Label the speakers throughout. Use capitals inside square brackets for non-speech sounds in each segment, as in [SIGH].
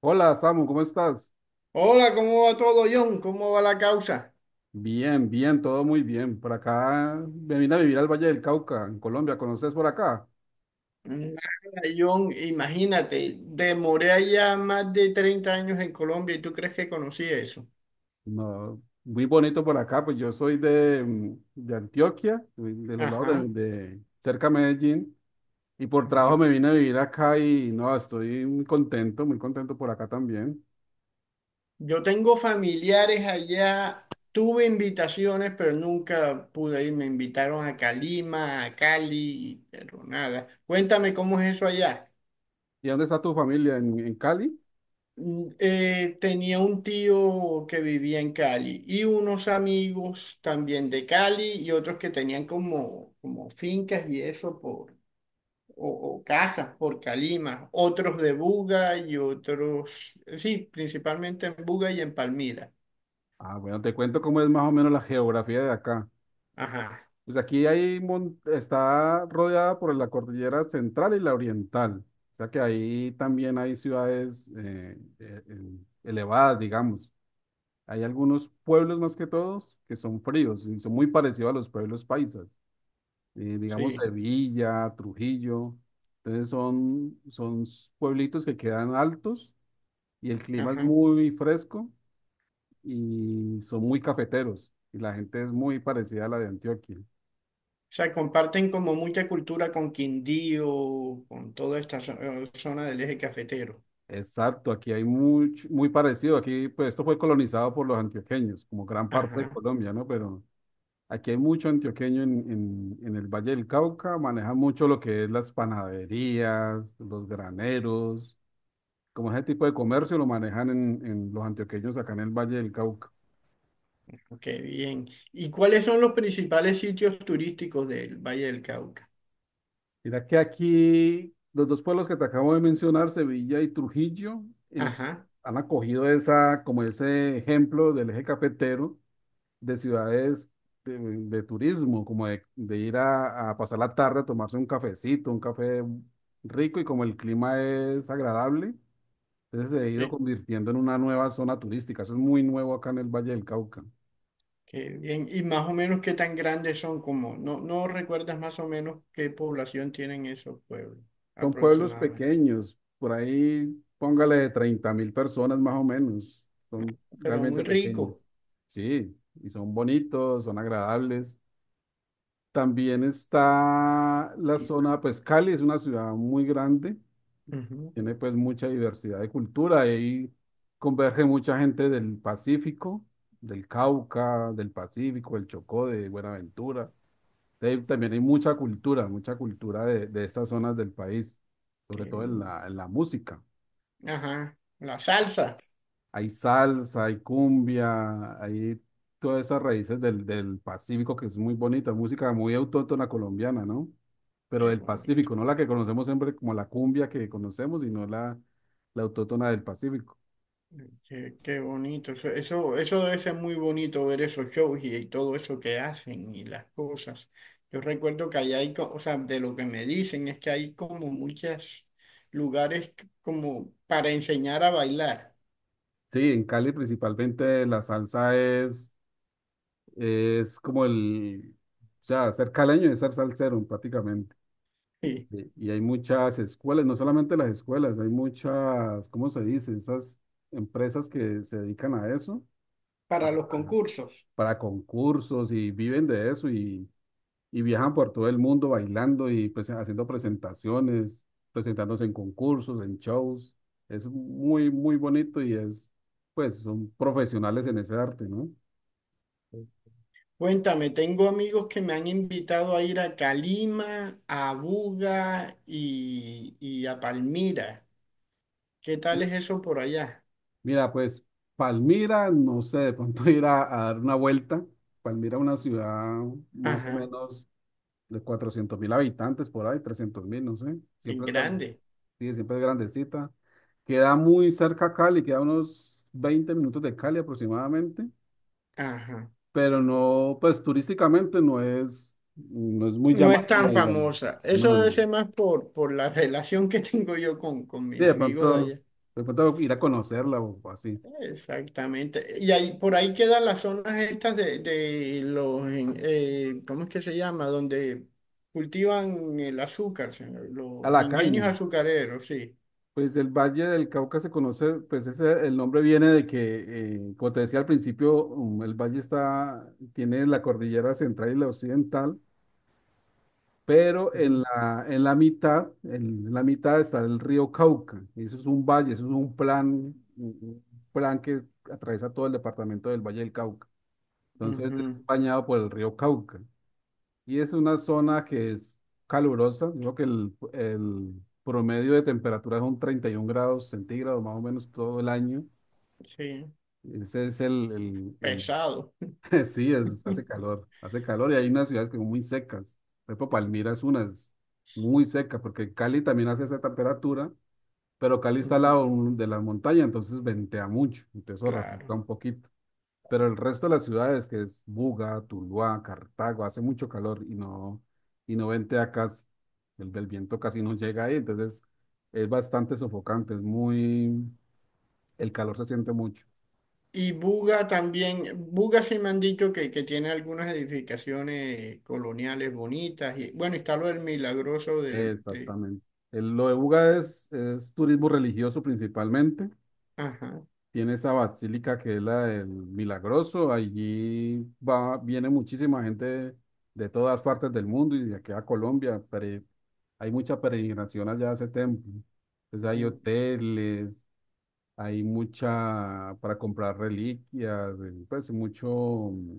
Speaker 1: Hola, Samu, ¿cómo estás?
Speaker 2: Hola, ¿cómo va todo, John? ¿Cómo va la causa?
Speaker 1: Bien, bien, todo muy bien. Por acá me vine a vivir al Valle del Cauca, en Colombia. ¿Conoces por acá?
Speaker 2: Nada, John, imagínate, demoré allá más de 30 años en Colombia y tú crees que conocí eso.
Speaker 1: No, muy bonito por acá, pues yo soy de, de Antioquia, de los lados
Speaker 2: Ajá,
Speaker 1: de cerca a Medellín, y por trabajo
Speaker 2: ajá.
Speaker 1: me vine a vivir acá y no, estoy muy contento por acá también.
Speaker 2: Yo tengo familiares allá, tuve invitaciones, pero nunca pude ir. Me invitaron a Calima, a Cali, pero nada. Cuéntame cómo es eso allá.
Speaker 1: ¿Y dónde está tu familia? ¿En Cali?
Speaker 2: Tenía un tío que vivía en Cali y unos amigos también de Cali y otros que tenían como fincas y eso por, o, o casas por Calima, otros de Buga y otros, sí, principalmente en Buga y en Palmira.
Speaker 1: Ah, bueno, te cuento cómo es más o menos la geografía de acá.
Speaker 2: Ajá,
Speaker 1: Pues aquí hay, está rodeada por la cordillera central y la oriental. O sea que ahí también hay ciudades elevadas, digamos. Hay algunos pueblos más que todos que son fríos y son muy parecidos a los pueblos paisas. Digamos
Speaker 2: sí,
Speaker 1: Sevilla, Trujillo. Entonces son, pueblitos que quedan altos y el clima es
Speaker 2: ajá.
Speaker 1: muy fresco y son muy cafeteros. Y la gente es muy parecida a la de Antioquia.
Speaker 2: O sea, comparten como mucha cultura con Quindío, con toda esta zona del eje cafetero.
Speaker 1: Exacto, aquí hay mucho, muy parecido. Aquí, pues esto fue colonizado por los antioqueños, como gran parte de
Speaker 2: Ajá.
Speaker 1: Colombia, ¿no? Pero aquí hay mucho antioqueño en el Valle del Cauca, manejan mucho lo que es las panaderías, los graneros, como ese tipo de comercio lo manejan en los antioqueños acá en el Valle del Cauca.
Speaker 2: Ok, bien. ¿Y cuáles son los principales sitios turísticos del Valle del Cauca?
Speaker 1: Mira que aquí los dos pueblos que te acabo de mencionar, Sevilla y Trujillo, es-
Speaker 2: Ajá,
Speaker 1: han acogido esa, como ese ejemplo del eje cafetero de ciudades de turismo, como de ir a pasar la tarde a tomarse un cafecito, un café rico y como el clima es agradable, entonces se ha ido
Speaker 2: sí,
Speaker 1: convirtiendo en una nueva zona turística. Eso es muy nuevo acá en el Valle del Cauca.
Speaker 2: qué bien. ¿Y más o menos qué tan grandes son? Como, no recuerdas más o menos qué población tienen esos pueblos
Speaker 1: Son pueblos
Speaker 2: aproximadamente.
Speaker 1: pequeños, por ahí póngale 30.000 personas más o menos. Son
Speaker 2: Pero muy
Speaker 1: realmente pequeños.
Speaker 2: rico.
Speaker 1: Sí, y son bonitos, son agradables. También está la zona, pues Cali es una ciudad muy grande.
Speaker 2: Ujú,
Speaker 1: Tiene pues mucha diversidad de cultura y ahí converge mucha gente del Pacífico, del Cauca, del Pacífico, del Chocó, de Buenaventura. De ahí también hay mucha cultura de estas zonas del país,
Speaker 2: qué
Speaker 1: sobre todo
Speaker 2: bien.
Speaker 1: en la música.
Speaker 2: Ajá, la salsa.
Speaker 1: Hay salsa, hay cumbia, hay todas esas raíces del, del Pacífico que es muy bonita, música muy autóctona colombiana, ¿no? Pero
Speaker 2: Qué
Speaker 1: del
Speaker 2: bonito.
Speaker 1: Pacífico, no la que conocemos siempre como la cumbia que conocemos, sino la, la autóctona del Pacífico.
Speaker 2: Qué bonito, eso debe ser muy bonito ver esos shows y todo eso que hacen y las cosas. Yo recuerdo que allá hay, o sea, de lo que me dicen es que hay como muchos lugares como para enseñar a bailar,
Speaker 1: Sí, en Cali principalmente la salsa es como el, o sea, ser caleño es ser salsero prácticamente.
Speaker 2: sí,
Speaker 1: Y hay muchas escuelas, no solamente las escuelas, hay muchas, ¿cómo se dice? Esas empresas que se dedican a eso, a-
Speaker 2: para los concursos.
Speaker 1: para concursos y viven de eso y viajan por todo el mundo bailando y pues, haciendo presentaciones, presentándose en concursos, en shows. Es muy, muy bonito y es, pues, son profesionales en ese arte, ¿no?
Speaker 2: Cuéntame, tengo amigos que me han invitado a ir a Calima, a Buga y a Palmira. ¿Qué tal es eso por allá?
Speaker 1: Mira, pues Palmira, no sé, de pronto [LAUGHS] ir a dar una vuelta. Palmira, es una ciudad más o
Speaker 2: Ajá,
Speaker 1: menos de 400.000 habitantes, por ahí, 300.000, no sé.
Speaker 2: es
Speaker 1: Siempre es,
Speaker 2: grande.
Speaker 1: sí, siempre es grandecita. Queda muy cerca a Cali, queda unos 20 minutos de Cali aproximadamente,
Speaker 2: Ajá.
Speaker 1: pero no, pues turísticamente no es, no es muy
Speaker 2: No es tan
Speaker 1: llamativa, digamos.
Speaker 2: famosa.
Speaker 1: No,
Speaker 2: Eso debe
Speaker 1: no.
Speaker 2: ser más por la relación que [LAUGHS] tengo yo con
Speaker 1: Sí,
Speaker 2: mis amigos de allá.
Speaker 1: de pronto ir a conocerla o así.
Speaker 2: Exactamente. Y ahí, por ahí quedan las zonas estas ¿cómo es que se llama? Donde cultivan el azúcar,
Speaker 1: A
Speaker 2: los
Speaker 1: la
Speaker 2: ingenios
Speaker 1: caña.
Speaker 2: azucareros, sí.
Speaker 1: Pues el Valle del Cauca se conoce, pues ese, el nombre viene de que, como te decía al principio, el valle está, tiene la cordillera central y la occidental, pero en
Speaker 2: Ujú,
Speaker 1: la, en la mitad, en la mitad está el río Cauca. Y eso es un valle, eso es un plan, un plan que atraviesa todo el departamento del Valle del Cauca. Entonces
Speaker 2: ujú,
Speaker 1: es bañado por el río Cauca. Y es una zona que es calurosa. Digo que el promedio de temperatura son 31 grados centígrados más o menos todo el año.
Speaker 2: sí,
Speaker 1: Ese es el,
Speaker 2: pesado.
Speaker 1: [LAUGHS] sí, es, hace calor y hay unas ciudades que son muy secas. Por ejemplo, Palmira es una, es muy seca, porque Cali también hace esa temperatura, pero Cali está al
Speaker 2: Ujú,
Speaker 1: lado de la montaña, entonces ventea mucho, entonces eso refresca
Speaker 2: claro.
Speaker 1: un poquito. Pero el resto de las ciudades, que es Buga, Tuluá, Cartago, hace mucho calor y no ventea acá, el viento casi no llega ahí, entonces es bastante sofocante, es muy, el calor se siente mucho.
Speaker 2: Y Buga también, Buga sí me han dicho que tiene algunas edificaciones coloniales bonitas. Y, bueno, está lo del milagroso
Speaker 1: Exactamente. Lo de Buga es turismo religioso principalmente.
Speaker 2: ajá,
Speaker 1: Tiene esa basílica que es la del Milagroso. Allí va, viene muchísima gente de todas partes del mundo y de aquí a Colombia. Hay mucha peregrinación allá a ese templo. Pues hay
Speaker 2: mm,
Speaker 1: hoteles, hay mucha para comprar reliquias, pues mucho mm,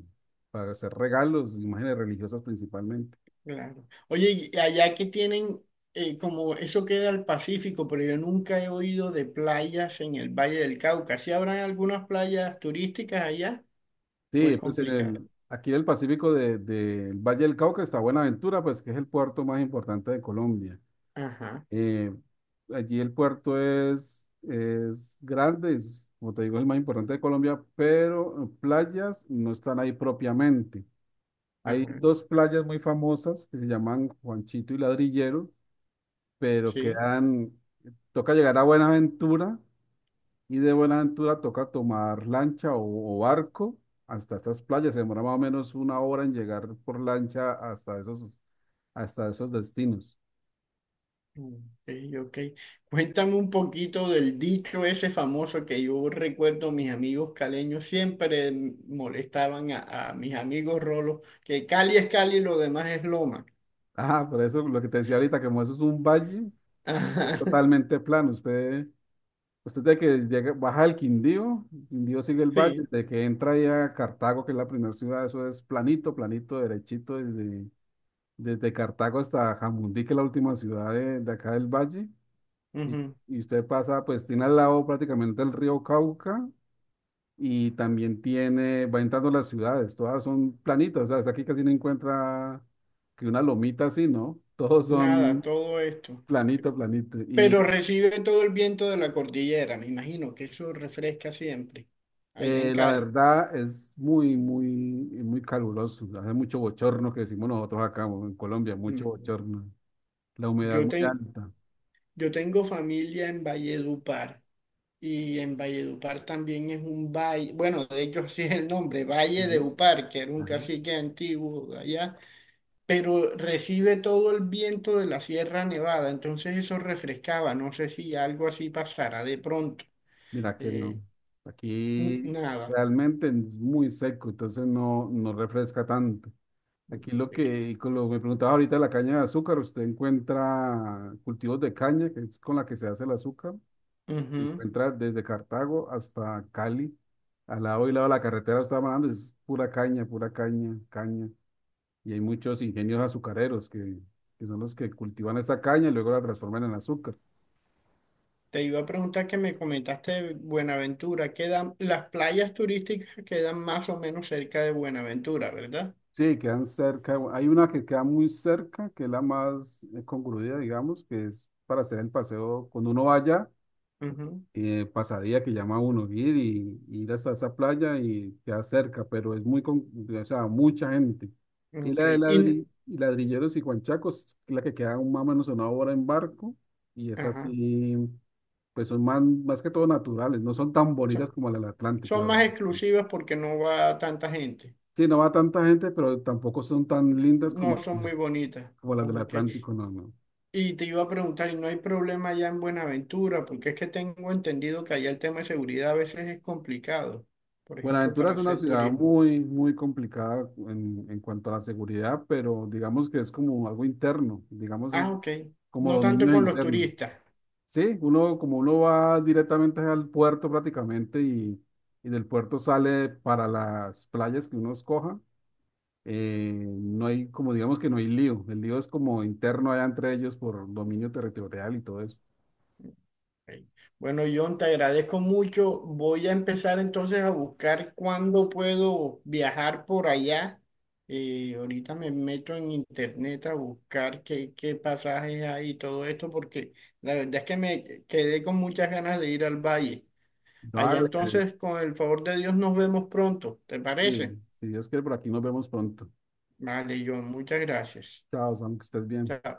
Speaker 1: para hacer regalos, imágenes religiosas principalmente.
Speaker 2: claro. Oye, y allá que tienen, como eso queda al Pacífico, pero yo nunca he oído de playas en el Valle del Cauca. ¿Sí habrán algunas playas turísticas allá o es
Speaker 1: Sí, pues en
Speaker 2: complicado?
Speaker 1: el, aquí en el Pacífico del Valle del Cauca está Buenaventura, pues que es el puerto más importante de Colombia.
Speaker 2: Ajá,
Speaker 1: Eh, Allí el puerto es grande, es, como te digo, es el más importante de Colombia, pero playas no están ahí propiamente. Hay
Speaker 2: ajá,
Speaker 1: dos playas muy famosas que se llaman Juanchito y Ladrillero, pero
Speaker 2: sí.
Speaker 1: quedan, toca llegar a Buenaventura y de Buenaventura toca tomar lancha o barco hasta estas playas. Se demora más o menos una hora en llegar por lancha hasta esos destinos.
Speaker 2: Ok, ok. Cuéntame un poquito del dicho ese famoso que yo recuerdo mis amigos caleños siempre molestaban a mis amigos rolos, que Cali es Cali y lo demás es loma.
Speaker 1: Ah, por eso lo que te decía ahorita, que como eso es un valle,
Speaker 2: [LAUGHS]
Speaker 1: es
Speaker 2: Ajá,
Speaker 1: totalmente plano. Usted de que llega, baja el Quindío, Quindío sigue el valle,
Speaker 2: sí,
Speaker 1: de que entra ya a Cartago, que es la primera ciudad, eso es planito, planito, derechito, desde Cartago hasta Jamundí, que es la última ciudad de acá del valle. Y,
Speaker 2: ujú.
Speaker 1: y usted pasa, pues tiene al lado prácticamente el río Cauca y también tiene, va entrando las ciudades, todas son planitas, o sea, hasta aquí casi no encuentra que una lomita así, ¿no? Todos
Speaker 2: Nada,
Speaker 1: son
Speaker 2: todo esto.
Speaker 1: planito, planito.
Speaker 2: Pero recibe todo el viento de la cordillera, me imagino que eso refresca siempre, allá en
Speaker 1: La
Speaker 2: Cali.
Speaker 1: verdad es muy, muy, muy caluroso. Hace mucho bochorno que decimos nosotros acá en Colombia, mucho
Speaker 2: Ujú.
Speaker 1: bochorno. La humedad
Speaker 2: Yo,
Speaker 1: muy
Speaker 2: ten-
Speaker 1: alta.
Speaker 2: yo tengo familia en Valledupar. Y en Valledupar también es un valle, bueno, de hecho [LAUGHS] sí es el nombre, Valle de
Speaker 1: ¿Sí?
Speaker 2: Upar, que era un
Speaker 1: Ajá.
Speaker 2: cacique antiguo de allá, pero recibe todo el viento de la Sierra Nevada, entonces eso refrescaba, no sé si algo así pasara de pronto.
Speaker 1: Mira que no.
Speaker 2: Eh,
Speaker 1: Aquí
Speaker 2: nada.
Speaker 1: realmente es muy seco, entonces no, no refresca tanto. Aquí lo
Speaker 2: Eh,
Speaker 1: que, con lo que me preguntaba ahorita, la caña de azúcar, usted encuentra cultivos de caña, que es con la que se hace el azúcar. Se
Speaker 2: ujú.
Speaker 1: encuentra desde Cartago hasta Cali, al lado y lado de la carretera, estaba hablando, es pura caña, caña. Y hay muchos ingenios azucareros que son los que cultivan esa caña y luego la transforman en azúcar.
Speaker 2: Te iba a preguntar que me comentaste de Buenaventura, quedan, las playas turísticas quedan más o menos cerca de Buenaventura, ¿verdad?
Speaker 1: Sí, quedan cerca, hay una que queda muy cerca, que es la más congruida, digamos, que es para hacer el paseo. Cuando uno vaya
Speaker 2: Ujú,
Speaker 1: pasadía que llama a uno ir y ir hasta esa playa y queda cerca, pero es muy, con, o sea, mucha gente. Y
Speaker 2: ok.
Speaker 1: la de
Speaker 2: Y, n-
Speaker 1: y Ladrilleros y Juanchacos, que es la que queda un más o menos una hora en barco, y esas
Speaker 2: ajá.
Speaker 1: sí, pues son más, más que todo naturales, no son tan bonitas
Speaker 2: So,
Speaker 1: como la del Atlántico,
Speaker 2: son más
Speaker 1: claro.
Speaker 2: exclusivas porque no va tanta gente.
Speaker 1: Sí, no va tanta gente, pero tampoco son tan lindas como,
Speaker 2: No son muy
Speaker 1: [LAUGHS]
Speaker 2: bonitas.
Speaker 1: como las del
Speaker 2: Ok.
Speaker 1: Atlántico, no, no.
Speaker 2: Y te iba a preguntar, ¿y no hay problema allá en Buenaventura? Porque es que tengo entendido que allá el tema de seguridad a veces es complicado. Por ejemplo,
Speaker 1: Buenaventura
Speaker 2: para
Speaker 1: es una
Speaker 2: hacer
Speaker 1: ciudad
Speaker 2: turismo.
Speaker 1: muy, muy complicada en cuanto a la seguridad, pero digamos que es como algo interno, digamos es
Speaker 2: Ah, ok.
Speaker 1: como
Speaker 2: No tanto
Speaker 1: dominio
Speaker 2: con los
Speaker 1: interno.
Speaker 2: turistas.
Speaker 1: Sí, uno como uno va directamente al puerto prácticamente y del puerto sale para las playas que uno escoja, no hay como digamos que no hay lío, el lío es como interno allá entre ellos por dominio territorial y todo eso.
Speaker 2: Ok. Bueno, John, te agradezco mucho. Voy a empezar entonces a buscar cuándo puedo viajar por allá. Ahorita me meto en internet a buscar qué pasajes hay y todo esto, porque la verdad es que me quedé con muchas ganas de ir al valle. Allá
Speaker 1: Dale,
Speaker 2: entonces, con el favor de Dios, nos vemos pronto. ¿Te
Speaker 1: sí,
Speaker 2: parece?
Speaker 1: si Dios quiere, por aquí nos vemos pronto.
Speaker 2: Vale, John, muchas gracias.
Speaker 1: Chao, Sam, que estés bien.
Speaker 2: Chao.